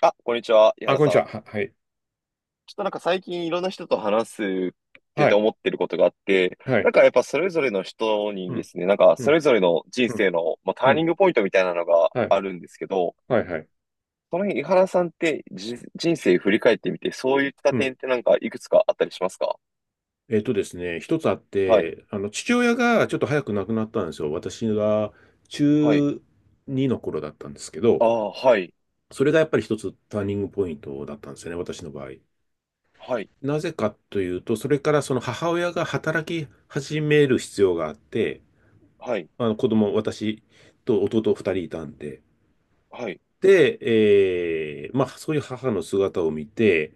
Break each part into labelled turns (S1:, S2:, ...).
S1: あ、こんにちは、井
S2: あ、
S1: 原
S2: こんに
S1: さ
S2: ち
S1: ん。
S2: は。はい。
S1: ちょっとなんか最近いろんな人と話すって
S2: は
S1: て
S2: い。
S1: 思ってることがあって、
S2: は
S1: なん
S2: い。
S1: かやっぱそれぞれの人
S2: う
S1: にで
S2: ん。
S1: すね、なんか
S2: う
S1: そ
S2: ん。
S1: れぞれの人
S2: うん。
S1: 生の、まあ、タ
S2: う
S1: ーニン
S2: ん。
S1: グポイントみたいなのが
S2: はい。
S1: あるんですけど、
S2: はい。はい。
S1: その辺、井原さんって人生振り返ってみて、そういった
S2: うん。
S1: 点ってなんかいくつかあったりしますか？
S2: えっとですね、一つあっ
S1: はい、
S2: て、父親がちょっと早く亡くなったんですよ。私が中
S1: はい、
S2: 2の頃だったんですけ
S1: あ
S2: ど、
S1: あ、はい、
S2: それがやっぱり一つターニングポイントだったんですよね、私の場合。
S1: はい、
S2: なぜかというと、それからその母親が働き始める必要があって、
S1: はい、
S2: 子供、私と弟2人いたんで、
S1: はい、
S2: で、まあ、そういう母の姿を見て、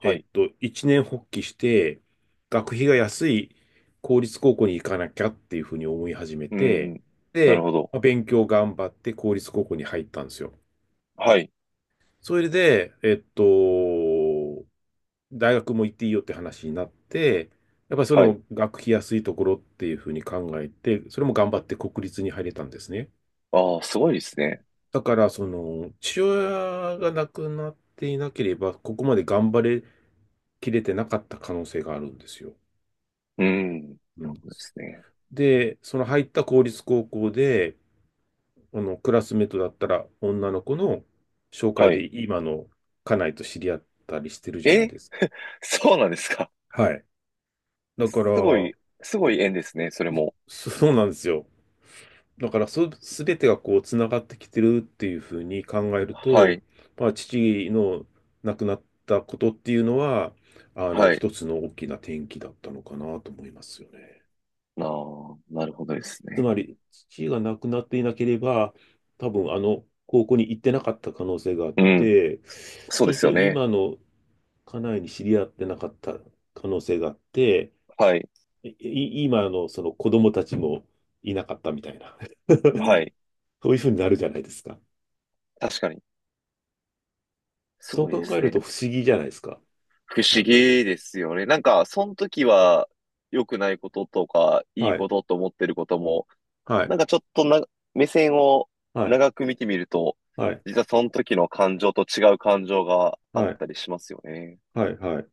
S1: はい、
S2: 一年発起して、学費が安い公立高校に行かなきゃっていうふうに思い始め
S1: う
S2: て、
S1: ん、なる
S2: で、
S1: ほど。
S2: まあ勉強頑張って公立高校に入ったんですよ。
S1: はい、
S2: それで、大学も行っていいよって話になって、やっぱりそれ
S1: はい、
S2: も学費安いところっていうふうに考えて、それも頑張って国立に入れたんですね。
S1: ああ、すごいですね。
S2: だから、父親が亡くなっていなければ、ここまで頑張れきれてなかった可能性があるんですよ。
S1: うん、な
S2: う
S1: るほ
S2: ん
S1: どですね。
S2: で、その入った公立高校で、クラスメートだったら女の子の紹介
S1: は
S2: で
S1: い。
S2: 今の家内と知り合ったりしてるじゃない
S1: え。
S2: です
S1: そうなんですか？
S2: か。はい。だから、
S1: すごい、すごい縁ですね、それも。
S2: そうなんですよ。だから、すべてがこう、つながってきてるっていうふうに考える
S1: は
S2: と、
S1: い、
S2: まあ、父の亡くなったことっていうのは、
S1: はい。
S2: 一つの大きな転機だったのかなと思いますよね。
S1: なあ、なるほどです
S2: つま
S1: ね。
S2: り、父が亡くなっていなければ、多分あの高校に行ってなかった可能性があっ
S1: うん、
S2: て、
S1: そう
S2: そ
S1: で
S2: うす
S1: す
S2: る
S1: よ
S2: と
S1: ね。
S2: 今の家内に知り合ってなかった可能性があって、
S1: はい、
S2: い今のその子供たちもいなかったみたいな、
S1: はい。
S2: そういうふうになるじゃないですか。
S1: 確かに。す
S2: そう
S1: ごいで
S2: 考え
S1: す
S2: る
S1: ね。
S2: と不思議じゃないですか。
S1: 不
S2: な
S1: 思
S2: んか。
S1: 議ですよね。なんか、その時は良くないこととか、いい
S2: はい。
S1: ことと思ってることも、
S2: はい。
S1: なんかちょっとな、目線を
S2: はい。
S1: 長く見てみると、
S2: はい。
S1: 実はその時の感情と違う感情があっ
S2: はい。
S1: たりしますよね。
S2: はい。はい。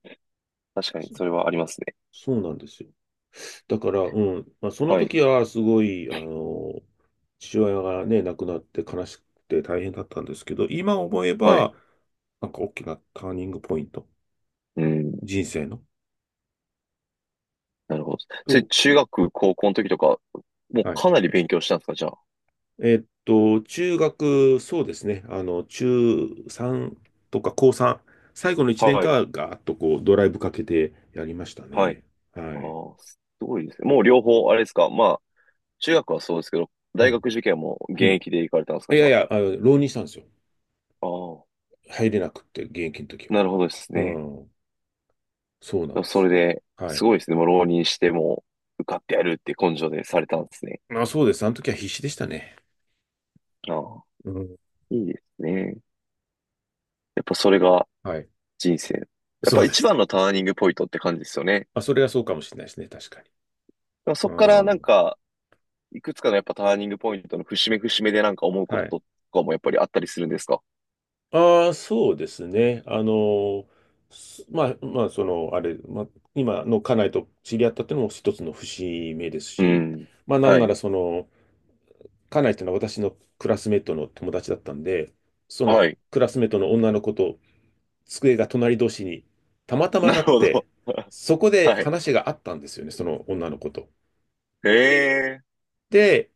S1: 確かに、
S2: そ
S1: それはありますね。
S2: そうなんですよ。だから、まあ、その
S1: はい、
S2: 時はすごい、父親がね、亡くなって悲しくて大変だったんですけど、今思え
S1: はい。
S2: ば、なんか大きなターニングポイント、
S1: うん。
S2: 人生の。
S1: なるほど。それ、
S2: と、
S1: 中学、高校の時とか、もう
S2: はい。
S1: かなり勉強したんですか、じゃ
S2: 中学、そうですね、中3とか高3、最後の1
S1: あ。
S2: 年
S1: は
S2: 間
S1: い、
S2: はガーッとこう、ドライブかけてやりました
S1: は
S2: ね。
S1: い。
S2: は
S1: あ
S2: い。
S1: あ、すごいですね。もう両方、あれですか。まあ、中学はそうですけど、
S2: う
S1: 大
S2: ん。
S1: 学受験も現
S2: うん
S1: 役で行かれたんですか、
S2: い
S1: じゃ
S2: や
S1: あ。
S2: いや、浪人したんですよ。
S1: ああ、
S2: 入れなくって、現役の時は。
S1: なるほどです
S2: う
S1: ね。
S2: ん。そうなんで
S1: それ
S2: す。
S1: で、
S2: は
S1: す
S2: い。
S1: ごいですね。もう浪人しても、受かってやるって根性でされたんですね。
S2: まあそうです。あの時は必死でしたね。
S1: ああ、
S2: うん。
S1: いいですね。やっぱそれが
S2: はい。
S1: 人生。やっ
S2: そ
S1: ぱ
S2: うで
S1: 一
S2: す。
S1: 番のターニングポイントって感じですよね。
S2: あ、それはそうかもしれないですね。確かに。
S1: でもそっ
S2: う
S1: からなん
S2: ん。
S1: か、いくつかのやっぱターニングポイントの節目節目でなんか思うこ
S2: は
S1: と
S2: い。
S1: とかもやっぱりあったりするんですか？
S2: ああ、そうですね。まあ、まあ、あれ、まあ、今の家内と知り合ったっていうのも一つの節目です
S1: う
S2: し、
S1: ん。
S2: まあ、なん
S1: は
S2: な
S1: い。
S2: ら家内っていうのは私のクラスメートの友達だったんで、その
S1: はい。
S2: クラスメートの女の子と机が隣同士にたまたま
S1: な
S2: な
S1: る
S2: っ
S1: ほ
S2: て、
S1: ど。
S2: そこで
S1: はい。
S2: 話があったんですよね、その女の子と。
S1: ええ。
S2: で、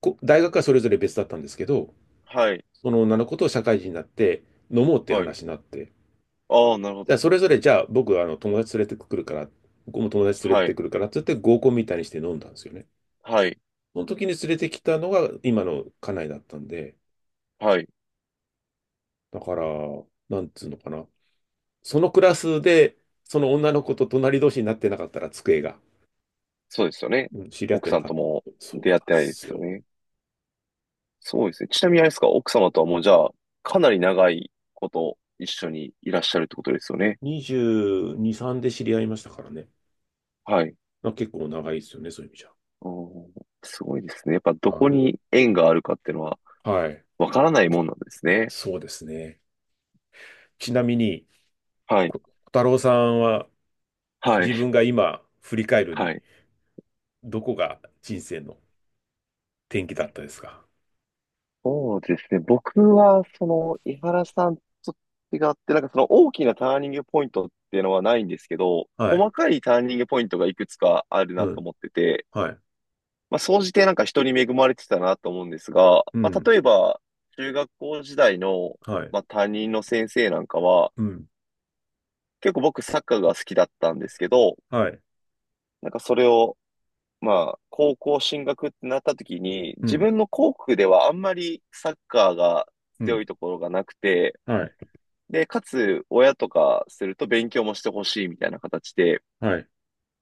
S2: 大学はそれぞれ別だったんですけど、
S1: はい。
S2: その女の子と社会人になって飲もうっていう
S1: はい。
S2: 話になって、
S1: ああ、なるほ
S2: じゃ
S1: ど。
S2: あそれぞれじゃあ僕あの友達連れてくるから、僕も友達連れ
S1: は
S2: て
S1: い。
S2: くるからって言って合コンみたいにして飲んだんですよね。
S1: はい。
S2: その時に連れてきたのが今の家内だったんで、
S1: はい。
S2: だから、なんつうのかな。そのクラスで、その女の子と隣同士になってなかったら机が、
S1: そうですよね。
S2: うん知り合っ
S1: 奥
S2: てな
S1: さん
S2: かっ
S1: とも
S2: た。そうなん
S1: 出会っ
S2: で
S1: てないで
S2: す
S1: すよ
S2: よ。
S1: ね。そうですね。ちなみにあれですか、奥様とはもうじゃあ、かなり長いこと一緒にいらっしゃるってことですよね。
S2: 22、3で知り合いましたからね。
S1: はい。
S2: まあ、結構長いですよね、そういう意味じ
S1: おー、すごいですね。やっぱ
S2: ゃ。
S1: どこ
S2: はい。
S1: に縁があるかっていうのは
S2: はい。
S1: わからないもんなんですね。
S2: そうですね。ちなみに、
S1: はい。
S2: 小太郎さんは
S1: は
S2: 自
S1: い。
S2: 分が今振り返る
S1: は
S2: に、
S1: い。
S2: どこが人生の転機だったですか？
S1: そうですね。僕は、その、井原さんと違って、なんかその大きなターニングポイントっていうのはないんですけど、
S2: はい。
S1: 細かいターニングポイントがいくつかある
S2: う
S1: なと
S2: ん。
S1: 思ってて、
S2: はい。
S1: まあ、総じてなんか人に恵まれてたなと思うんですが、
S2: う
S1: まあ、
S2: ん。
S1: 例えば、中学校時代の、
S2: はい。
S1: まあ、担任の先生なんかは、
S2: うん。
S1: 結構僕サッカーが好きだったんですけど、
S2: はい。
S1: なんかそれを、まあ、高校進学ってなった時に、
S2: う
S1: 自
S2: ん。
S1: 分の校区ではあんまりサッカーが
S2: う
S1: 強
S2: ん。
S1: いところがなくて、
S2: はい。
S1: で、かつ、親とかすると勉強もしてほしいみたいな形で、
S2: はい。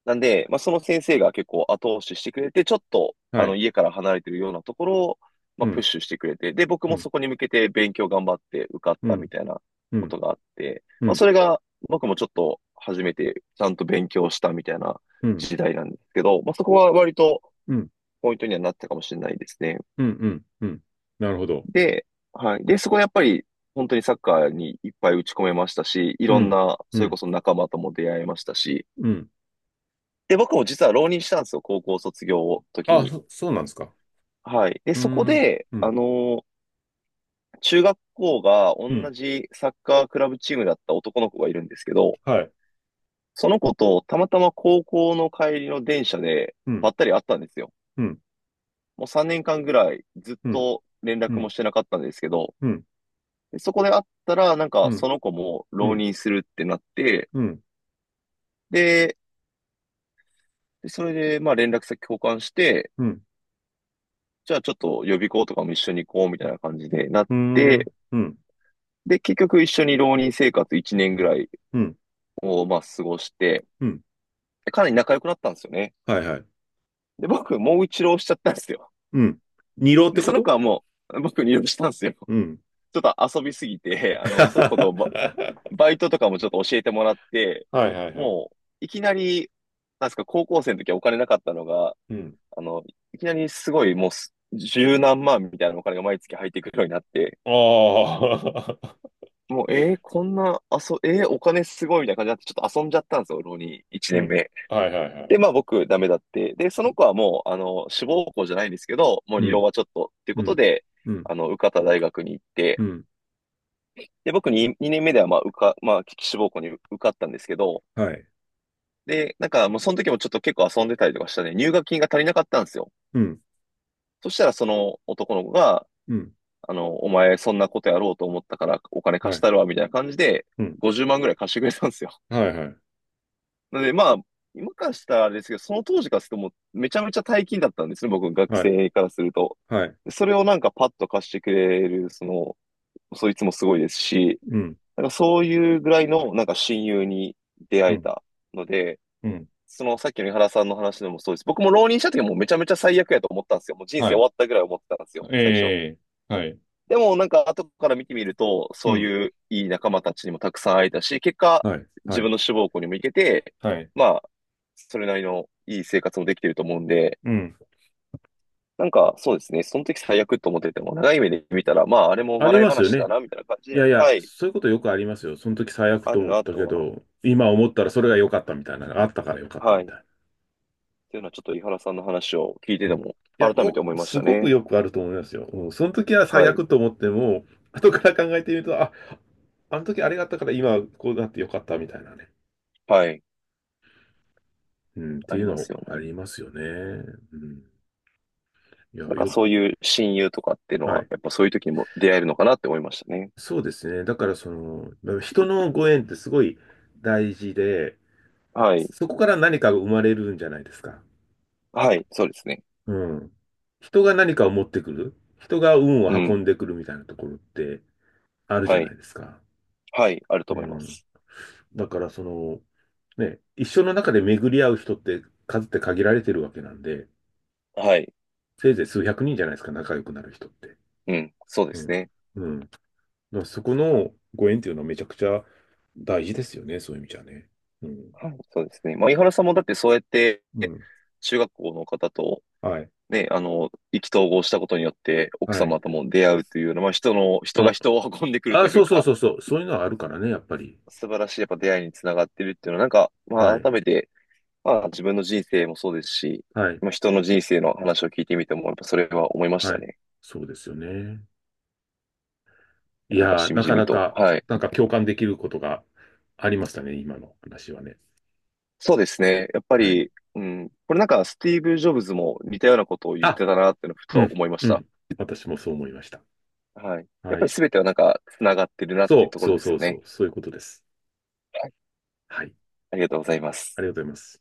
S1: なんで、まあ、その先生が結構後押ししてくれて、ちょっと、あ
S2: は
S1: の、
S2: い。
S1: 家から離れてるようなところを、ま
S2: う
S1: あ、プッ
S2: ん。
S1: シュしてくれて、で、僕
S2: う
S1: も
S2: ん。
S1: そこに向けて勉強頑張って受かっ
S2: う
S1: たみ
S2: ん。
S1: たいな
S2: う
S1: こ
S2: ん。
S1: とがあって、
S2: う
S1: まあ、
S2: ん。
S1: それが、僕もちょっと初めてちゃんと勉強したみたいな
S2: うん。
S1: 時代なんですけど、まあ、そこは割と、
S2: うん。
S1: ポイントにはなったかもしれないですね。
S2: うん。うん。うん。なるほど。
S1: で、はい。で、そこでやっぱり、本当にサッカーにいっぱい打ち込めましたし、い
S2: う
S1: ろん
S2: ん。
S1: な、
S2: う
S1: それこ
S2: ん。
S1: そ仲間とも出会えましたし、
S2: うん。
S1: で、僕も実は浪人したんですよ、高校卒業の時
S2: あ、
S1: に。
S2: そうなんですか。
S1: はい。で、
S2: うー
S1: そこ
S2: ん。
S1: で、
S2: うん。
S1: 中学校が
S2: う
S1: 同
S2: ん。
S1: じサッカークラブチームだった男の子がいるんですけど、
S2: はい。
S1: その子とたまたま高校の帰りの電車で
S2: うん。
S1: ばったり会ったんですよ。
S2: うん。
S1: もう3年間ぐらいずっ
S2: うん。
S1: と連
S2: う
S1: 絡も
S2: ん。
S1: してなかったんですけど、
S2: うん。
S1: でそこで会ったら、なん
S2: う
S1: か
S2: ん。
S1: その子も
S2: う
S1: 浪
S2: ん。
S1: 人するってなって、
S2: うん。
S1: で、それでまあ連絡先交換して、
S2: うん。
S1: じゃあちょっと予備校とかも一緒に行こうみたいな感じでなっ
S2: うー
S1: て、
S2: ん、うん、
S1: で、結局一緒に浪人生活1年ぐらい
S2: うん、
S1: をまあ過ごして、
S2: うん。
S1: でかなり仲良くなったんですよね。
S2: はいはい。
S1: で、僕もう一浪しちゃったんですよ。
S2: うん。二浪っ
S1: で、
S2: てこ
S1: その
S2: と？
S1: 子はもう僕に浪したんですよ。ち
S2: うん。
S1: ょっと遊びすぎて、あの、その子とバイトとかもちょっと教えてもらって、
S2: はいはいはい。
S1: もういきなり、なんですか、高校生の時はお金なかったのが、
S2: うん。
S1: あの、いきなりすごいもうす十何万みたいなお金が毎月入ってくるようになって、
S2: ああ。
S1: もう、こんな、お金すごいみたいな感じになって、ちょっと遊んじゃったんですよ、浪人 1
S2: う
S1: 年
S2: ん。
S1: 目。
S2: はいはいは
S1: で、
S2: い。
S1: まあ僕ダメだって。で、その子はもう、あの、志望校じゃないんですけど、もう
S2: う
S1: 二浪
S2: ん、
S1: はちょっとっていう
S2: う
S1: こと
S2: ん、
S1: で、
S2: うん、
S1: あの、受かった大学に行って、
S2: うん。
S1: で、僕に2年目ではまあまあ、志望校に受かったんですけど、
S2: はい。
S1: で、なんかもうその時もちょっと結構遊んでたりとかしたね、入学金が足りなかったんですよ。
S2: うん、
S1: そしたらその男の子が、
S2: うん。
S1: あの、お前そんなことやろうと思ったからお金
S2: は
S1: 貸し
S2: い。
S1: たるわ、みたいな感じで、
S2: うん。
S1: 50万ぐらい貸してくれたんですよ。
S2: はいはい。
S1: なので、まあ、今からしたらあれですけど、その当時からするともうめちゃめちゃ大金だったんですね、僕、学
S2: はい。
S1: 生からすると。
S2: はい。
S1: それをなんかパッと貸してくれる、その、そいつもすごいですし、
S2: うん、
S1: なんかそういうぐらいのなんか親友に出
S2: う
S1: 会え
S2: ん、
S1: たので、
S2: うん。
S1: そのさっきの井原さんの話でもそうです。僕も浪人した時はもうめちゃめちゃ最悪やと思ったんですよ。もう人生
S2: は
S1: 終
S2: い。
S1: わったぐらい思ってたんですよ、最初。
S2: ええ。はい。
S1: でもなんか後から見てみると、
S2: う
S1: そう
S2: ん。
S1: いういい仲間たちにもたくさん会えたし、結果、
S2: はい。
S1: 自
S2: はい。
S1: 分の志望校にも行けて、
S2: はい。
S1: まあ、それなりのいい生活もできてると思うんで、
S2: うん。
S1: なんかそうですね、その時最悪と思ってても、長い目で見たら、まあ、あれも
S2: あり
S1: 笑い
S2: ますよ
S1: 話だ
S2: ね。
S1: な、みたいな感じ
S2: い
S1: で、
S2: やいや、
S1: はい、
S2: そういうことよくありますよ。その時最悪
S1: あ
S2: と
S1: る
S2: 思っ
S1: な
S2: たけ
S1: と
S2: ど、今思ったらそれが良かったみたいな、あったから良かっ
S1: は、
S2: た
S1: は
S2: み
S1: い、っ
S2: たいな。
S1: ていうのはちょっと井原さんの話を聞いて
S2: う
S1: て
S2: ん。い
S1: も、
S2: や、
S1: 改めて思いまし
S2: す
S1: た
S2: ごく
S1: ね。
S2: よくあると思いますよ。うん、その時は最
S1: はい、
S2: 悪と思っても、後から考えてみると、あ、あの時あれがあったから今こうなって良かったみたいなね。
S1: はい、
S2: うん、って
S1: あ
S2: い
S1: り
S2: う
S1: ま
S2: の
S1: すよ
S2: あ
S1: ね。
S2: りますよね。うん。いや、
S1: なんかそういう親友とかっていうの
S2: は
S1: は、
S2: い。
S1: やっぱそういう時にも出会えるのかなって思いましたね。
S2: そうですね。だからまあ人のご縁ってすごい大事で、
S1: はい、
S2: そこから何かが生まれるんじゃないですか。
S1: はい、そうですね。
S2: うん。人が何かを持ってくる、人が運を
S1: う
S2: 運
S1: ん。
S2: んでくるみたいなところってあるじ
S1: は
S2: ゃな
S1: い。
S2: いですか。
S1: はい。あると
S2: う
S1: 思いま
S2: ん。
S1: す。
S2: だからね、一生の中で巡り合う人って数って限られてるわけなんで、
S1: はい。
S2: せいぜい数百人じゃないですか、仲良くなる人って。
S1: うん。そうで
S2: う
S1: す
S2: ん。
S1: ね。
S2: うん。だからそこのご縁っていうのはめちゃくちゃ大事ですよね、そういう意味じゃね。うん。
S1: はい。そうですね。まあ、井原さんもだってそうやって、
S2: うん。
S1: 中学校の方と、
S2: はい。
S1: ね、あの、意気投合したことによって、奥
S2: はい。
S1: 様とも出会うというような、まあ、人の、人が
S2: あ、
S1: 人を運んでくると
S2: あ、
S1: い
S2: そ
S1: う
S2: うそう
S1: か、
S2: そうそう。そういうのはあるからね、やっぱり。
S1: 素晴らしいやっぱ出会いにつながってるっていうのは、なんか、ま
S2: は
S1: あ、
S2: い。
S1: 改めて、まあ、自分の人生もそうですし、
S2: はい。
S1: まあ、人の人生の話を聞いてみても、やっぱそれは思いまし
S2: は
S1: た
S2: い。
S1: ね。
S2: そうですよね。
S1: い
S2: い
S1: やなんか、
S2: やー、
S1: しみ
S2: な
S1: じ
S2: か
S1: み
S2: な
S1: と。
S2: か、
S1: はい。
S2: なんか共感できることがありましたね、今の話はね。
S1: そうですね。やっぱ
S2: はい。
S1: り、うん。これなんかスティーブ・ジョブズも似たようなことを言っ
S2: あ、
S1: てたなっていうのをふ
S2: う
S1: と
S2: ん、
S1: 思いまし
S2: う
S1: た。
S2: ん。私もそう思いました。
S1: はい。やっ
S2: は
S1: ぱり
S2: い。
S1: 全てはなんか繋がってるなっていう
S2: そ
S1: と
S2: う、
S1: ころ
S2: そう
S1: です
S2: そ
S1: よ
S2: うそう、
S1: ね。
S2: そういうことです。
S1: はい。
S2: はい。
S1: ありがとうございま
S2: あ
S1: す。
S2: りがとうございます。